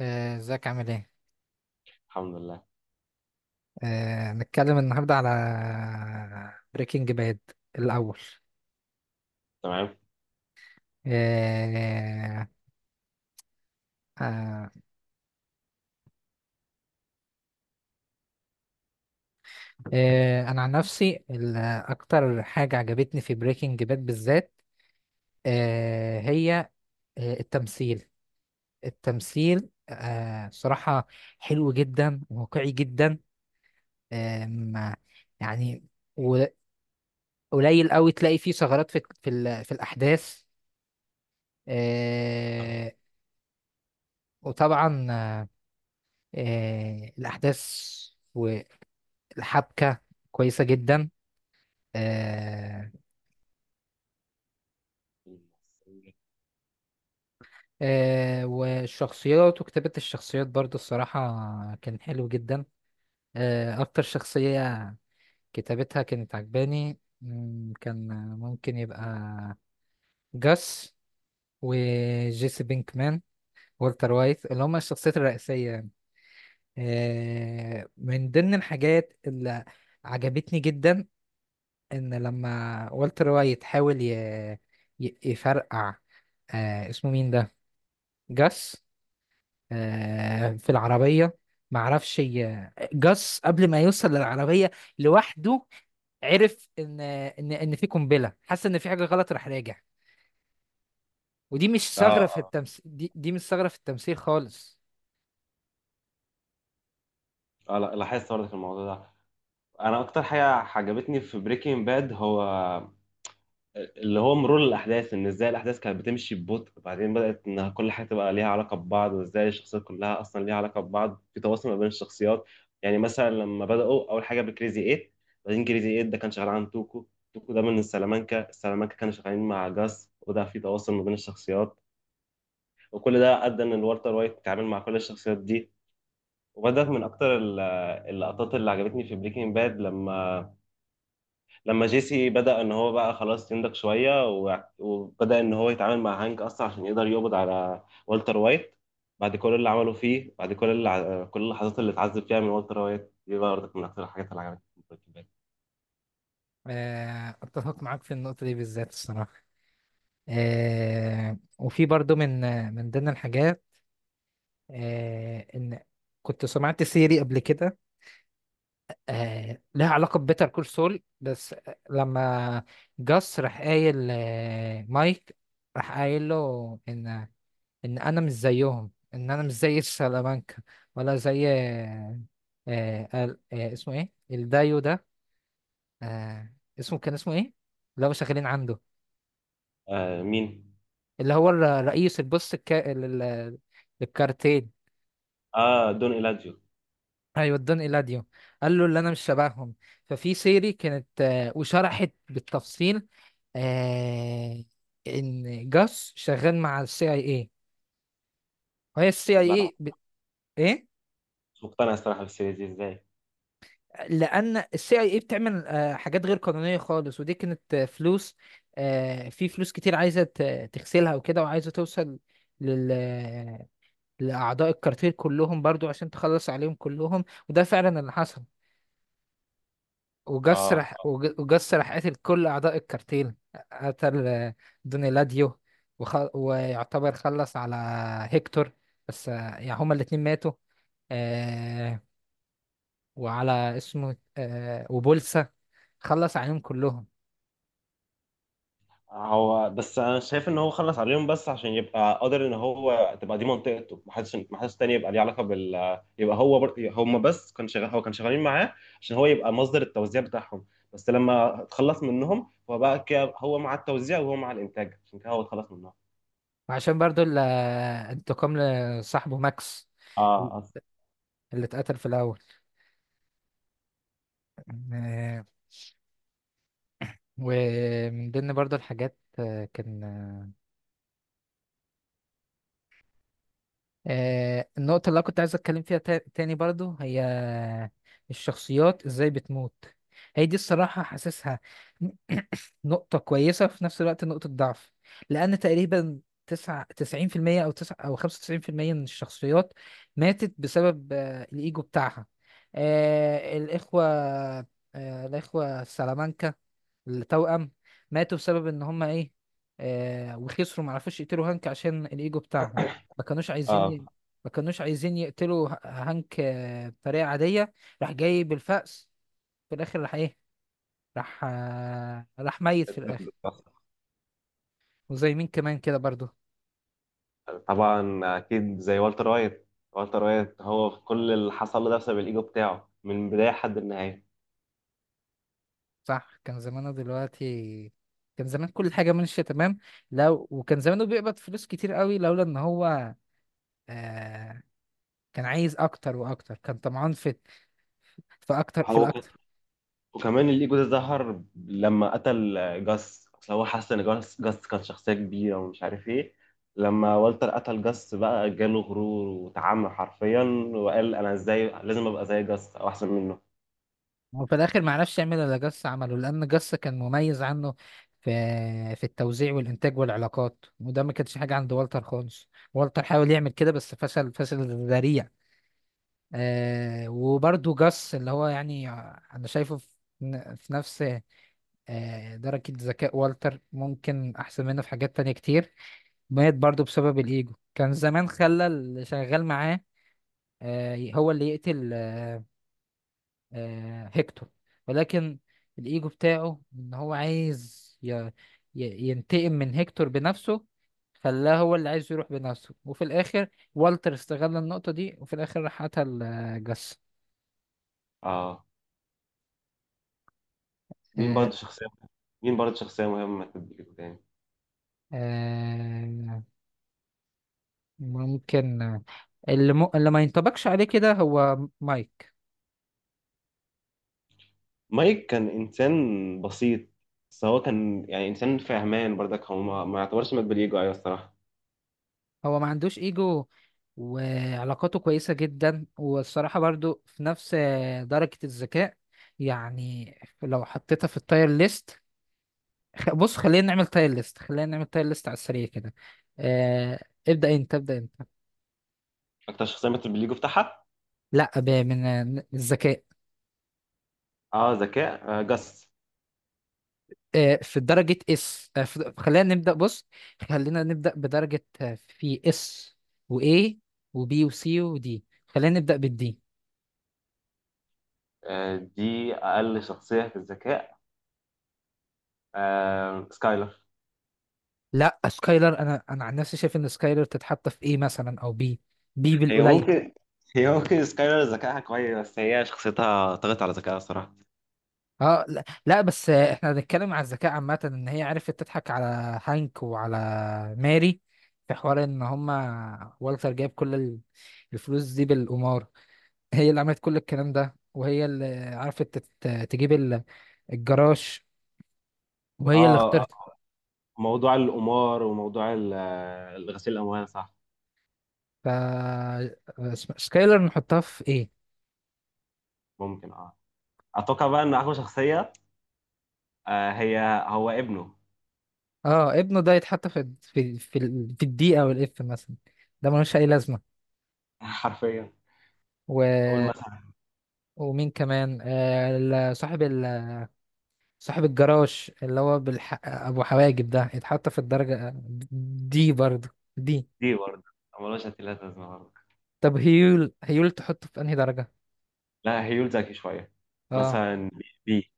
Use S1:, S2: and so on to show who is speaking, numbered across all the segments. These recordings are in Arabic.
S1: ازيك عامل ايه؟
S2: الحمد لله.
S1: نتكلم النهارده على بريكنج باد الأول.
S2: تمام.
S1: آه، آه، أنا عن نفسي أكتر حاجة عجبتني في بريكنج باد بالذات هي التمثيل. التمثيل صراحة حلو جدا، واقعي جدا. آم، يعني و- قليل قوي تلاقي فيه ثغرات في الأحداث. آه، وطبعا الأحداث والحبكة كويسة جدا. آه، والشخصيات وكتابة الشخصيات برضو الصراحة كان حلو جدا. أكتر شخصية كتابتها كانت عجباني كان ممكن يبقى جاس وجيسي بينكمان والتر وايت، اللي هما الشخصيات الرئيسية. يعني من ضمن الحاجات اللي عجبتني جدا ان لما والتر وايت حاول يفرقع. آه، اسمه مين ده؟ جاس. آه، في العربية معرفش جاس قبل ما يوصل للعربية لوحده، عرف ان ان في قنبلة، حس ان في حاجة غلط، راح راجع. ودي مش
S2: اه
S1: ثغرة في
S2: اه
S1: التمثيل، دي مش ثغرة في التمثيل خالص.
S2: اه. لا، لاحظت برضك الموضوع ده. انا اكتر حاجه عجبتني في بريكنج باد هو اللي هو مرور الاحداث، ان ازاي الاحداث كانت بتمشي ببطء، بعدين بدات انها كل حاجه تبقى ليها علاقه ببعض، وازاي الشخصيات كلها اصلا ليها علاقه ببعض في تواصل ما بين الشخصيات. يعني مثلا لما بداوا اول حاجه بكريزي 8، بعدين كريزي 8 ده كان شغال عن توكو، توكو ده من سلامانكا، سلامانكا كانوا شغالين مع جاس، وده في تواصل ما بين الشخصيات. وكل ده ادى ان الوالتر وايت اتعامل مع كل الشخصيات دي. وبدأت من أكتر اللقطات اللي عجبتني في بريكنج باد، لما جيسي بدأ إن هو بقى خلاص ينضج شوية وبدأ إن هو يتعامل مع هانك أصلا عشان يقدر يقبض على والتر وايت بعد كل اللي عمله فيه، بعد كل كل اللحظات اللي اتعذب فيها من والتر وايت. دي برضك من أكتر الحاجات اللي عجبتني في بريكنج باد.
S1: آه، اتفق معاك في النقطة دي بالذات الصراحة. آه، وفي برضو من من ضمن الحاجات ان كنت سمعت سيري قبل كده، آه، لها علاقة ببيتر كول سول. بس لما جاس راح قايل مايك، راح قايل له ان ان انا مش زيهم، ان انا مش زي سلامانكا، ولا زي اسمه ايه الدايو ده؟ آه اسمه، كان اسمه ايه اللي هو شغالين عنده؟
S2: آه مين؟
S1: اللي هو رئيس للكارتيل.
S2: آه دون إيلاديو.
S1: ايوه، ادان ايلاديو. قال له اللي انا مش شبههم. ففي سيري كانت وشرحت بالتفصيل آه، ان جاس شغال مع CIA، وهي السي اي
S2: لا،
S1: اي ايه،
S2: مش مقتنع الصراحة بالسيريز دي، إزاي؟
S1: لان CIA بتعمل حاجات غير قانونيه خالص، ودي كانت فلوس. في فلوس كتير عايزه تغسلها وكده، وعايزه توصل لل... آه، لاعضاء الكارتيل كلهم برضو عشان تخلص عليهم كلهم، وده فعلا اللي حصل.
S2: آه،
S1: وجس راح قتل كل أعضاء الكارتين. قتل دونيلاديو ويعتبر خلص على هيكتور. بس يعني هما الاتنين ماتوا. آه... وعلى اسمه وبولسا، خلص عليهم كلهم.
S2: هو بس انا شايف ان هو خلص عليهم بس عشان يبقى قادر ان هو تبقى دي منطقته، ما حدش تاني يبقى ليه علاقه بال، يبقى هو بر... هم بس كان شغال، هو كان شغالين معاه عشان هو يبقى مصدر التوزيع بتاعهم. بس لما اتخلص منهم، هو بقى كده هو مع التوزيع وهو مع الانتاج، عشان كده هو اتخلص منهم.
S1: وعشان برضو انتقام لصاحبه ماكس
S2: اه أص-
S1: اللي اتقتل في الأول. آه... ومن ضمن برضو الحاجات كان النقطة اللي أنا كنت عايز أتكلم فيها تاني برضو هي الشخصيات إزاي بتموت. هي دي الصراحة حاسسها نقطة كويسة، في نفس الوقت نقطة ضعف. لأن تقريبا 99%، أو تسعة، أو 95% من الشخصيات ماتت بسبب الإيجو بتاعها. آه، الإخوة الإخوة السلامانكا، التوأم، ماتوا بسبب ان هم ايه، آه، وخسروا، ما عرفوش يقتلوا هانك عشان الايجو بتاعهم. ما كانوش
S2: اه
S1: ما كانوش عايزين يقتلوا هانك بطريقة عادية. راح جاي بالفأس، في الاخر راح ايه، راح راح ميت في الاخر. وزي مين كمان كده برضو.
S2: طبعا اكيد زي والتر وايت. والتر وايت هو كل اللي حصل له ده بسبب الايجو بتاعه من البدايه لحد النهايه.
S1: صح، كان زمانه دلوقتي كان زمان كل حاجة ماشية تمام. لو وكان زمانه بيقبض فلوس كتير قوي لولا ان هو آه... كان عايز اكتر واكتر، كان طمعان في في اكتر في
S2: هو
S1: الاكتر.
S2: وكمان الايجو ده ظهر لما قتل جاس، اصل هو حس ان جاس كان شخصيه كبيره ومش عارف ايه. لما والتر قتل جاس بقى جاله غرور وتعامل حرفيا، وقال انا ازاي لازم ابقى زي جاس او احسن منه.
S1: وفي الاخر ما عرفش يعمل اللي جاس عمله، لان جاس كان مميز عنه في في التوزيع والانتاج والعلاقات، وده ما كانش حاجه عند والتر خالص. والتر حاول يعمل كده بس فشل فشل ذريع. آه، وبرده جاس، اللي هو يعني انا شايفه في نفس درجه ذكاء والتر، ممكن احسن منه في حاجات تانية كتير، مات برضه بسبب الايجو. كان زمان خلى اللي شغال معاه هو اللي يقتل هيكتور، ولكن الإيجو بتاعه إن هو عايز ينتقم من هيكتور بنفسه، خلاه هو اللي عايز يروح بنفسه، وفي الآخر والتر استغل النقطة دي وفي الآخر راح قتل جاس.
S2: اه. مين برضه
S1: آه،
S2: شخصيه مين برضه شخصيه مهمه في الايجو تاني؟
S1: آه، ممكن اللي, اللي ما ينطبقش عليه كده هو مايك.
S2: مايك كان انسان بسيط، بس هو كان يعني انسان فهمان برضك، هو ما يعتبرش مات بالايجو، ايوه الصراحه.
S1: هو ما عندوش إيجو، وعلاقاته كويسة جدا، والصراحة برضو في نفس درجة الذكاء. يعني لو حطيتها في التاير ليست، بص، خلينا نعمل تايل ليست، خلينا نعمل تايل ليست على السريع كده. آه، ابدأ انت، ابدأ انت.
S2: اكتر شخصيه ماتت بالايجو بتاعها.
S1: لا، من من الذكاء.
S2: اه، ذكاء آه جاس.
S1: آه، في درجة اس، آه، في خلينا نبدأ. بص، خلينا نبدأ بدرجة في اس واي وبي وسي ودي. خلينا نبدأ بالدي.
S2: آه، دي اقل شخصيه في الذكاء. آه، سكايلر.
S1: لا، سكايلر انا انا عن نفسي شايف ان سكايلر تتحط في ايه مثلا، او بي. بي
S2: هي
S1: بالقليل.
S2: ممكن، هي ممكن سكايلر ذكائها كويس، بس هي شخصيتها طغت على ذكائها الصراحة.
S1: اه، لا, لا، بس احنا بنتكلم على الذكاء عامة. ان هي عرفت تضحك على هانك وعلى ماري، في حوار ان هما والتر جايب كل الفلوس دي بالقمار. هي اللي عملت كل الكلام ده، وهي اللي عرفت تجيب الجراج، وهي اللي
S2: اه،
S1: اخترت.
S2: موضوع القمار وموضوع غسيل الأموال، صح.
S1: ف سكايلر نحطها في ايه؟
S2: ممكن. اه، أتوقع بقى إن أقوى شخصية آه هي هو ابنه.
S1: اه، ابنه ده يتحط في في الدي او الاف مثلا، ده ملوش اي لازمة.
S2: حرفيا.
S1: و...
S2: أقول مثلا
S1: ومين كمان، صاحب، صاحب الجراج اللي هو ابو حواجب ده، يتحط في الدرجة دي برضه. دي.
S2: دي برضه ملوش هتلات لازمة برضه.
S1: طب هيول، هيول تحطه في انهي درجة؟
S2: لا، هيول ذكي شوية،
S1: اه.
S2: مثلا بي.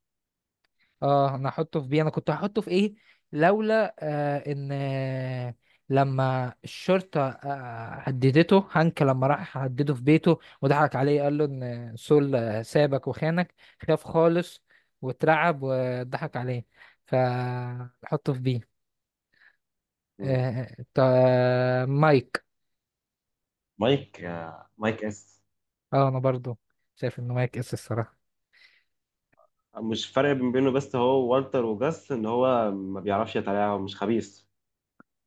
S1: اه، انا احطه في بي. انا كنت هحطه في ايه لولا آه ان آه، لما الشرطة هددته، هانك لما راح هدده في بيته وضحك عليه قال له ان سول سابك وخانك، خاف خالص واترعب وضحك عليه، فحطه في بي.
S2: مم.
S1: مايك.
S2: مايك، مايك اس.
S1: اه، انا برضو شايف انه مايك اس الصراحه.
S2: مش فرق بينه بس هو والتر وجاس، إن هو ما بيعرفش يتابع ومش خبيث.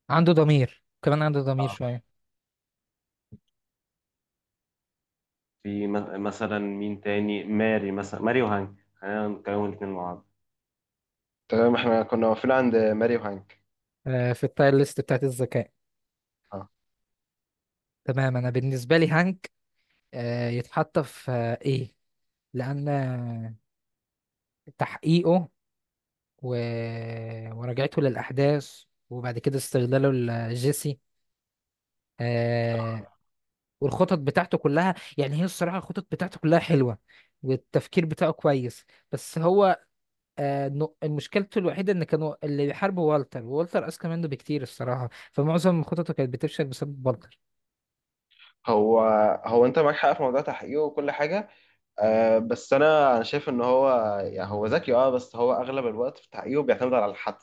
S1: عنده ضمير كمان، عنده ضمير
S2: آه.
S1: شويه.
S2: في مثلا مين تاني؟ ماري مثلا، ماري وهانك، خلينا نتكلم الاتنين مع بعض. تمام، احنا كنا واقفين عند ماري وهانك.
S1: آه، في التاير ليست بتاعت الذكاء.
S2: اه.
S1: تمام، انا بالنسبه لي هانك يتحط في ايه، لان تحقيقه و... وراجعته للاحداث، وبعد كده استغلاله لجيسي، آه، والخطط بتاعته كلها، يعني هي الصراحه الخطط بتاعته كلها حلوه، والتفكير بتاعه كويس. بس هو مشكلته الوحيدة إن كانوا اللي بيحاربوا والتر، والتر أذكى منه بكتير الصراحة، فمعظم خططه كانت بتفشل بسبب والتر.
S2: هو هو انت معاك حق في موضوع تحقيقه وكل حاجه. آه بس انا شايف ان هو يعني هو ذكي اه، بس هو اغلب الوقت في تحقيقه بيعتمد على الحد